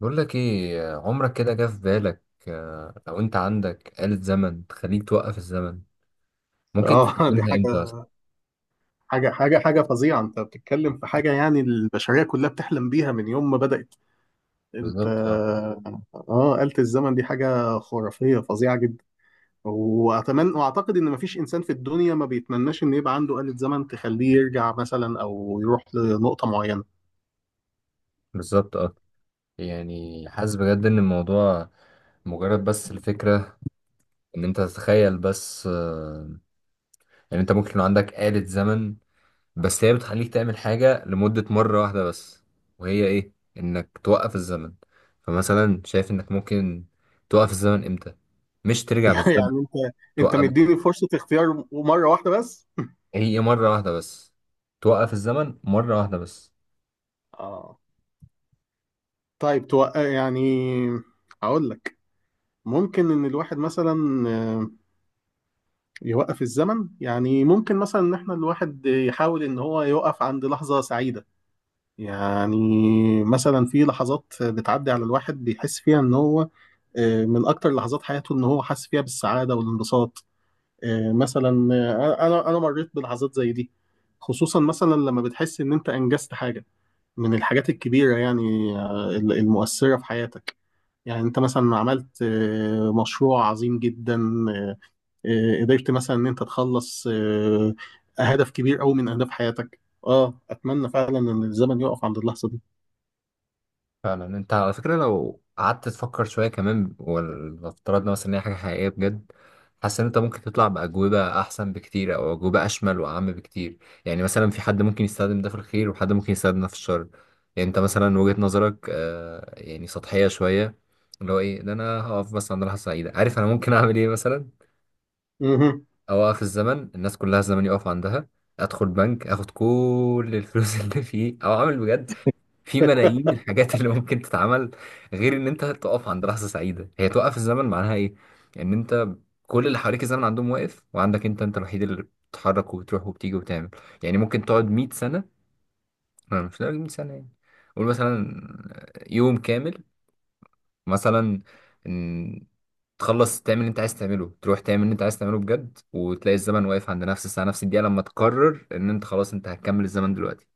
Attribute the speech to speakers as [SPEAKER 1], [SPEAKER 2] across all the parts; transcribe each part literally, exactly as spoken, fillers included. [SPEAKER 1] بقول لك ايه، عمرك كده جه في بالك آه، لو انت عندك آلة زمن تخليك توقف الزمن ممكن
[SPEAKER 2] اه، دي
[SPEAKER 1] تستخدمها امتى
[SPEAKER 2] حاجة
[SPEAKER 1] اصلا؟
[SPEAKER 2] حاجة حاجة حاجة فظيعة. انت بتتكلم في حاجة يعني البشرية كلها بتحلم بيها من يوم ما بدأت. انت
[SPEAKER 1] بالظبط اه.
[SPEAKER 2] اه، آلة الزمن دي حاجة خرافية فظيعة جدا. واتمنى واعتقد ان مفيش انسان في الدنيا ما بيتمناش ان يبقى عنده آلة زمن تخليه يرجع مثلا او يروح لنقطة معينة.
[SPEAKER 1] بالظبط اه. يعني حاسس بجد ان الموضوع، مجرد بس الفكرة ان انت تتخيل بس، آه، ان انت ممكن يكون عندك آلة زمن. بس هي بتخليك تعمل حاجة لمدة مرة واحدة بس، وهي ايه؟ انك توقف الزمن. فمثلا شايف انك ممكن توقف الزمن امتى؟ مش ترجع بالزمن،
[SPEAKER 2] يعني انت انت
[SPEAKER 1] توقف.
[SPEAKER 2] مديني فرصة اختيار مرة واحدة بس.
[SPEAKER 1] هي مرة واحدة بس، توقف الزمن مرة واحدة بس.
[SPEAKER 2] اه، طيب توق... يعني اقول لك، ممكن ان الواحد مثلا آه، يوقف الزمن. يعني ممكن مثلا ان احنا الواحد يحاول ان هو يوقف عند لحظة سعيدة. يعني مثلا في لحظات بتعدي على الواحد بيحس فيها ان هو آه، من اكتر لحظات حياته ان هو حاسس فيها بالسعادة والانبساط. آه، مثلا، آه، انا انا مريت بلحظات زي دي، خصوصا مثلا لما بتحس ان انت انجزت حاجة من الحاجات الكبيرة، يعني آه، المؤثرة في حياتك. يعني انت مثلا عملت آه، مشروع عظيم جدا، آه، آه، قدرت مثلا ان انت تخلص آه، هدف كبير قوي من اهداف حياتك. اه، اتمنى فعلا ان الزمن يقف عند اللحظة دي.
[SPEAKER 1] فعلا انت على فكرة، لو قعدت تفكر شوية كمان وافترضنا مثلا ان هي حاجة حقيقية بجد، حاسس ان انت ممكن تطلع بأجوبة أحسن بكتير، أو أجوبة أشمل وأعم بكتير. يعني مثلا في حد ممكن يستخدم ده في الخير، وحد ممكن يستخدم ده في الشر. يعني انت مثلا وجهة نظرك آه يعني سطحية شوية، اللي هو ايه؟ ده انا هقف بس عند لحظة سعيدة. عارف انا ممكن اعمل ايه مثلا؟
[SPEAKER 2] مهم.
[SPEAKER 1] اوقف الزمن، الناس كلها الزمن يقف عندها، ادخل بنك، اخد كل الفلوس اللي فيه، او اعمل بجد في ملايين الحاجات اللي ممكن تتعمل، غير ان انت تقف عند لحظة سعيدة. هي توقف الزمن معناها ايه؟ ان انت كل اللي حواليك الزمن عندهم واقف، وعندك انت، انت الوحيد اللي بتتحرك وبتروح وبتيجي وتعمل. يعني ممكن تقعد مئة سنة، أنا مش لازم مية سنة يعني، قول مثلا يوم كامل مثلا، تخلص تعمل اللي انت عايز تعمله، تروح تعمل اللي انت عايز تعمله بجد، وتلاقي الزمن واقف عند نفس الساعة نفس الدقيقة، لما تقرر ان انت خلاص انت هتكمل الزمن دلوقتي.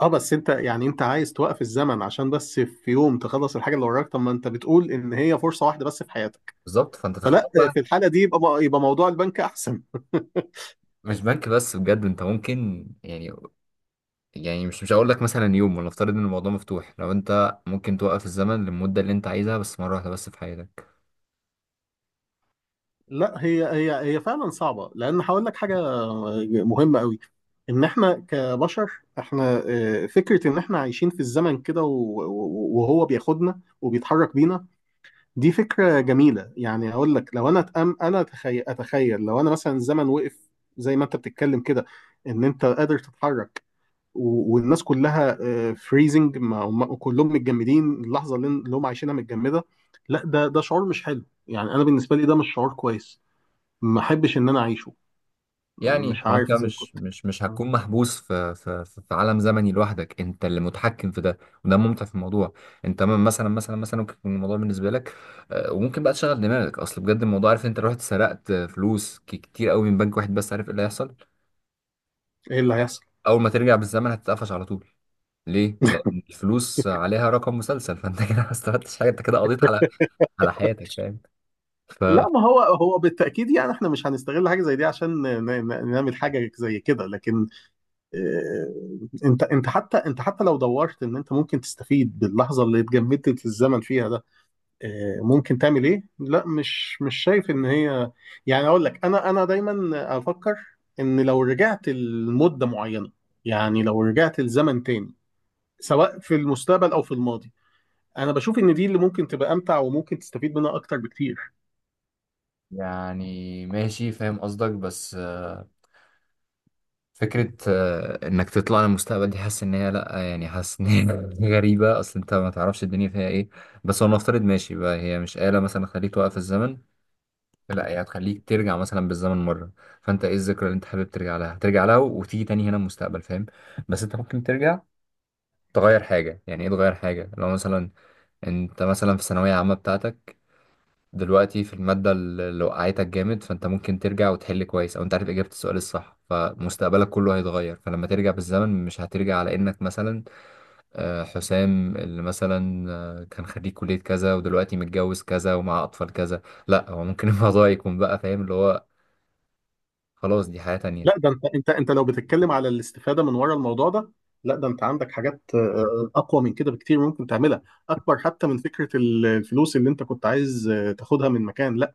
[SPEAKER 2] اه، بس انت يعني انت عايز توقف الزمن عشان بس في يوم تخلص الحاجة اللي وراك؟ طب ما انت بتقول ان هي فرصة واحدة بس في حياتك،
[SPEAKER 1] بالظبط، فانت تختار
[SPEAKER 2] فلا،
[SPEAKER 1] بقى.
[SPEAKER 2] في الحالة دي يبقى يبقى موضوع البنك احسن.
[SPEAKER 1] مش بنك بس بجد، انت ممكن يعني، يعني مش مش هقول لك مثلا يوم، ولا افترض ان الموضوع مفتوح، لو انت ممكن توقف الزمن للمدة اللي انت عايزها، بس مرة واحدة بس في حياتك.
[SPEAKER 2] لا، هي هي هي فعلا صعبة، لأن هقول لك حاجة مهمة قوي. إن إحنا كبشر، إحنا آه، فكرة إن إحنا عايشين في الزمن كده و- و- وهو بياخدنا وبيتحرك بينا، دي فكرة جميلة. يعني هقول لك لو أنا أتأم أنا أتخيل أتخيل لو أنا مثلا الزمن وقف، زي ما أنت بتتكلم كده، إن أنت قادر تتحرك، و- والناس كلها فريزنج، وكلهم متجمدين، اللحظة اللي اللي هم عايشينها متجمدة. لا، ده ده شعور مش حلو. يعني أنا بالنسبة لي ده مش شعور كويس، ما احبش ان انا اعيشه. مش
[SPEAKER 1] يعني هو
[SPEAKER 2] عارف
[SPEAKER 1] انت
[SPEAKER 2] زي
[SPEAKER 1] مش
[SPEAKER 2] كنت
[SPEAKER 1] مش مش هتكون محبوس في في في في عالم زمني لوحدك، انت اللي متحكم في ده، وده الممتع في الموضوع. انت م- مثلا مثلا مثلا ممكن يكون الموضوع بالنسبه لك، آه، وممكن بقى تشغل دماغك. اصل بجد الموضوع، عارف انت لو رحت سرقت فلوس ك- كتير قوي من بنك واحد بس، عارف ايه اللي هيحصل؟
[SPEAKER 2] ايه اللي هيحصل.
[SPEAKER 1] اول ما ترجع بالزمن هتتقفش على طول. ليه؟ لان الفلوس عليها رقم مسلسل، فانت كده ما استفدتش حاجه، انت كده قضيت على على حياتك، فاهم؟ ف
[SPEAKER 2] لا، ما هو هو بالتاكيد يعني احنا مش هنستغل حاجه زي دي عشان ن- ن- نعمل حاجه زي كده. لكن آه، انت انت حتى انت حتى لو دورت ان انت ممكن تستفيد باللحظه اللي اتجمدت في الزمن فيها ده، آه، ممكن تعمل ايه؟ لا، مش مش شايف ان هي، يعني اقول لك، انا انا دايما افكر ان لو رجعت لمده معينه، يعني لو رجعت لزمن تاني، سواء في المستقبل او في الماضي، انا بشوف ان دي اللي ممكن تبقى امتع وممكن تستفيد منها اكتر بكتير.
[SPEAKER 1] يعني ماشي فاهم قصدك. بس فكرة آه، إنك تطلع للمستقبل، دي حاسس إن هي لأ، يعني حاسس إن هي غريبة، أصل أنت ما تعرفش الدنيا فيها إيه. بس هو نفترض ماشي بقى، هي مش آلة مثلا تخليك توقف الزمن، لأ، هي هتخليك ترجع مثلا بالزمن مرة. فأنت إيه الذكرى اللي أنت حابب ترجع لها؟ هترجع لها وتيجي تاني هنا المستقبل، فاهم؟ بس أنت ممكن ترجع تغير حاجة. يعني إيه تغير حاجة؟ لو مثلا أنت مثلا في الثانوية العامة بتاعتك دلوقتي، في المادة اللي لو وقعتك جامد، فانت ممكن ترجع وتحل كويس، او انت عارف اجابة السؤال الصح، فمستقبلك كله هيتغير. فلما ترجع بالزمن مش هترجع على انك مثلا آه، حسام اللي مثلا آه، كان خريج كلية كذا، ودلوقتي متجوز كذا، ومع اطفال كذا. لا، هو ممكن الموضوع يكون بقى، فاهم؟ اللي هو خلاص دي حياة تانية.
[SPEAKER 2] لا، ده انت انت انت لو بتتكلم على الاستفاده من ورا الموضوع ده، لا، ده انت عندك حاجات آه، آه، اقوى من كده بكتير ممكن تعملها، اكبر حتى من فكره ال- الفلوس اللي انت كنت عايز آه، تاخدها من مكان. لا،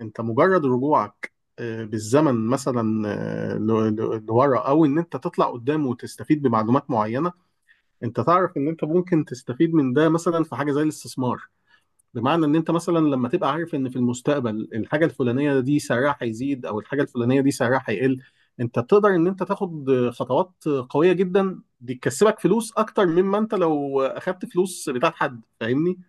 [SPEAKER 2] انت مجرد رجوعك آه، بالزمن مثلا آه، ل- ل- لورا، او ان انت تطلع قدام وتستفيد بمعلومات معينه، انت تعرف ان انت ممكن تستفيد من ده مثلا في حاجه زي الاستثمار. بمعنى ان انت مثلا لما تبقى عارف ان في المستقبل الحاجه الفلانيه دي سعرها هيزيد، او الحاجه الفلانيه دي سعرها هيقل، انت تقدر ان انت تاخد خطوات قويه جدا دي تكسبك فلوس اكتر مما انت لو اخدت فلوس بتاعت حد. فاهمني؟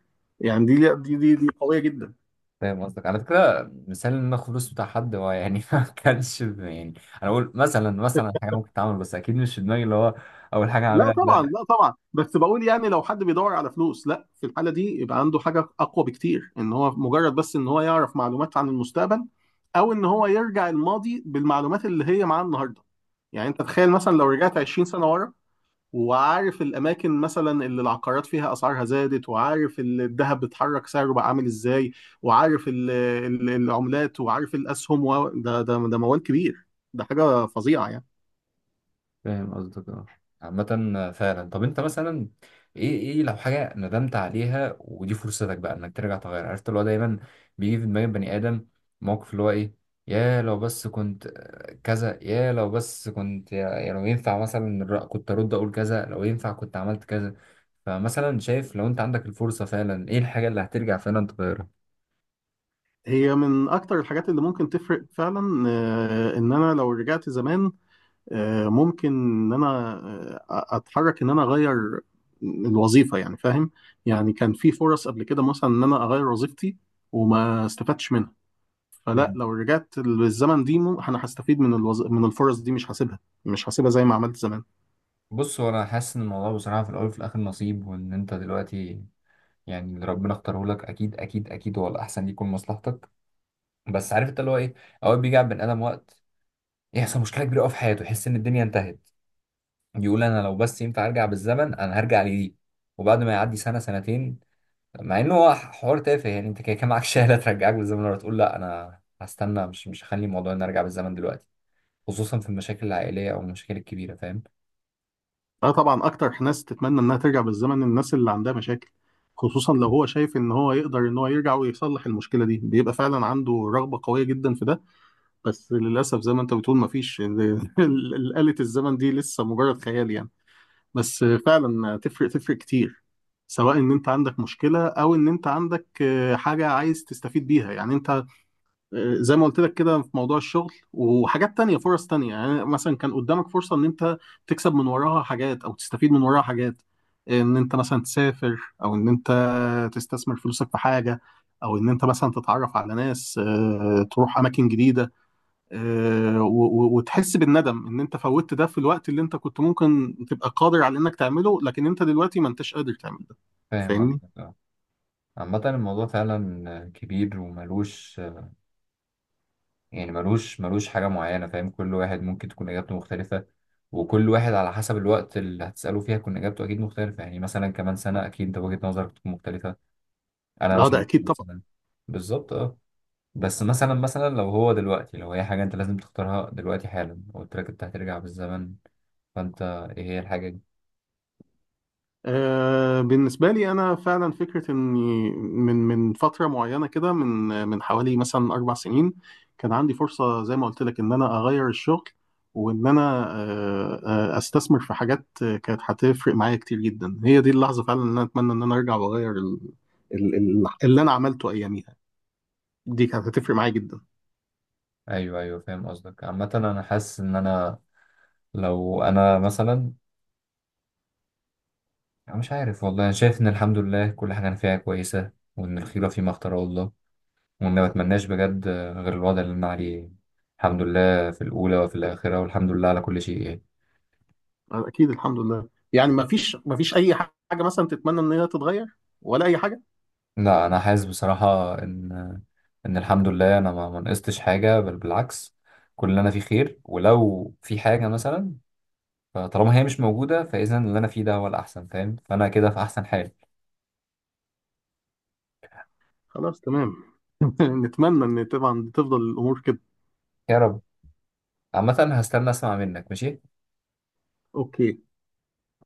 [SPEAKER 2] يعني دي دي دي, دي قويه جدا.
[SPEAKER 1] فاهم قصدك. على فكرة مثال إن أنا آخد فلوس بتاع حد، هو يعني ما كانش يعني، أنا بقول مثلا مثلا حاجة ممكن تتعمل، بس أكيد مش في دماغي اللي هو أول حاجة
[SPEAKER 2] لا
[SPEAKER 1] هعملها.
[SPEAKER 2] طبعا، لا طبعا، بس بقول يعني لو حد بيدور على فلوس، لا، في الحاله دي يبقى عنده حاجه اقوى بكتير ان هو مجرد بس ان هو يعرف معلومات عن المستقبل، او ان هو يرجع الماضي بالمعلومات اللي هي معاه النهارده. يعني انت تخيل مثلا لو رجعت عشرين سنه ورا، وعارف الاماكن مثلا اللي العقارات فيها اسعارها زادت، وعارف ال- الذهب بيتحرك سعره بقى عامل ازاي، وعارف ال- ال- العملات، وعارف الاسهم و... ده ده ده موال كبير، ده حاجه فظيعه يعني.
[SPEAKER 1] فاهم قصدك، اه. عامة فعلا، طب انت مثلا ايه، ايه لو حاجة ندمت عليها، ودي فرصتك بقى انك ترجع تغير؟ عرفت اللي هو دايما بيجي في دماغ البني ادم موقف اللي هو ايه؟ يا لو بس كنت كذا، يا لو بس كنت، يا, يا لو ينفع مثلا الر- كنت ارد اقول كذا، لو ينفع كنت عملت كذا. فمثلا شايف لو انت عندك الفرصة فعلا، ايه الحاجة اللي هترجع فعلا تغيرها؟
[SPEAKER 2] هي من اكتر الحاجات اللي ممكن تفرق فعلا، آه، ان انا لو رجعت زمان، آه، ممكن ان انا آه، اتحرك ان انا اغير الوظيفه، يعني فاهم؟ يعني كان في فرص قبل كده مثلا ان انا اغير وظيفتي وما استفدتش منها. فلا،
[SPEAKER 1] مم.
[SPEAKER 2] لو رجعت للزمن دي مو- انا هستفيد من الوظ... من الفرص دي، مش هسيبها، مش هسيبها زي ما عملت زمان.
[SPEAKER 1] بص هو انا حاسس ان الموضوع بصراحة في الاول وفي الاخر نصيب، وان انت دلوقتي يعني اللي ربنا اختاره لك اكيد اكيد اكيد هو الاحسن، يكون مصلحتك. بس عارف انت اللي هو ايه، اوقات بيجي على البني ادم وقت يحصل مشكله كبيره قوي في حياته، يحس ان الدنيا انتهت، يقول انا لو بس ينفع ارجع بالزمن انا هرجع لدي. وبعد ما يعدي سنه سنتين، مع انه هو حوار تافه. يعني انت كده كان معاك شهاده ترجعك بالزمن، ولا تقول لا انا هستنى، مش مش هخلي الموضوع ان ارجع بالزمن دلوقتي. خصوصا في المشاكل العائليه او المشاكل الكبيره، فاهم؟
[SPEAKER 2] اه طبعا، اكتر ناس تتمنى انها ترجع بالزمن الناس اللي عندها مشاكل. خصوصا لو هو شايف ان هو يقدر ان هو يرجع ويصلح المشكله دي بيبقى فعلا عنده رغبه قويه جدا في ده. بس للاسف زي ما انت بتقول مفيش ال- ال- آلة الزمن دي لسه مجرد خيال يعني. بس فعلا تفرق، تفرق كتير، سواء ان انت عندك مشكله او ان انت عندك آه، حاجه عايز تستفيد بيها. يعني انت زي ما قلت لك كده في موضوع الشغل، وحاجات تانية، فرص تانية، يعني مثلا كان قدامك فرصة ان انت تكسب من وراها حاجات او تستفيد من وراها حاجات، ان انت مثلا تسافر، او ان انت تستثمر فلوسك في حاجة، او ان انت مثلا تتعرف على ناس، آه، تروح اماكن جديدة، آه، و- و- وتحس بالندم ان انت فوتت ده في الوقت اللي انت كنت ممكن تبقى قادر على انك تعمله، لكن انت دلوقتي ما انتش قادر تعمل ده.
[SPEAKER 1] فاهم
[SPEAKER 2] فاهمني؟
[SPEAKER 1] قصدك، اه. عامة الموضوع فعلا كبير وملوش، يعني ملوش ملوش حاجة معينة، فاهم؟ كل واحد ممكن تكون إجابته مختلفة، وكل واحد على حسب الوقت اللي هتسأله فيها تكون إجابته أكيد مختلفة. يعني مثلا كمان سنة أكيد أنت وجهة نظرك تكون مختلفة، أنا
[SPEAKER 2] اه ده
[SPEAKER 1] مثلا
[SPEAKER 2] اكيد.
[SPEAKER 1] كمان سنة. بالظبط أه. بس مثلا مثلا لو هو دلوقتي، لو هي حاجة أنت لازم تختارها دلوقتي حالا، قلت لك أنت هترجع بالزمن، فأنت إيه هي الحاجة دي؟
[SPEAKER 2] آه، بالنسبة لي أنا فعلا فكرة إني من من فترة معينة كده، من من حوالي مثلا أربع سنين، كان عندي فرصة زي ما قلت لك إن أنا أغير الشغل، وإن أنا آه، آه، أستثمر في حاجات آه، كانت هتفرق معايا كتير جدا. هي دي اللحظة فعلا إن أنا أتمنى إن أنا أرجع وأغير ال- ال- ال- اللي أنا عملته أياميها. دي كانت هتفرق معايا جدا.
[SPEAKER 1] أيوه أيوه، فاهم قصدك. عامة أنا حاسس إن أنا لو أنا مثلا، أنا مش عارف والله. أنا شايف إن الحمد لله كل حاجة أنا فيها كويسة، وإن الخيرة فيما اختاره الله، وما بتمناش بجد غير الوضع اللي أنا عليه. الحمد لله في الأولى وفي الآخرة، والحمد لله على كل شيء يعني.
[SPEAKER 2] أكيد، الحمد لله. يعني ما فيش ما فيش أي حاجة مثلا تتمنى إن هي تتغير، ولا أي حاجة؟
[SPEAKER 1] لا أنا حاسس بصراحة إن إن الحمد لله أنا ما ما نقصتش حاجة، بل بالعكس، كل اللي أنا فيه خير. ولو في حاجة مثلا فطالما هي مش موجودة، فإذا اللي أنا فيه ده هو الأحسن، فاهم؟ فأنا كده في أحسن حال.
[SPEAKER 2] خلاص، تمام. نتمنى ان طبعا تفضل الامور كده.
[SPEAKER 1] يا رب. عامة هستنى أسمع منك، ماشي.
[SPEAKER 2] اوكي.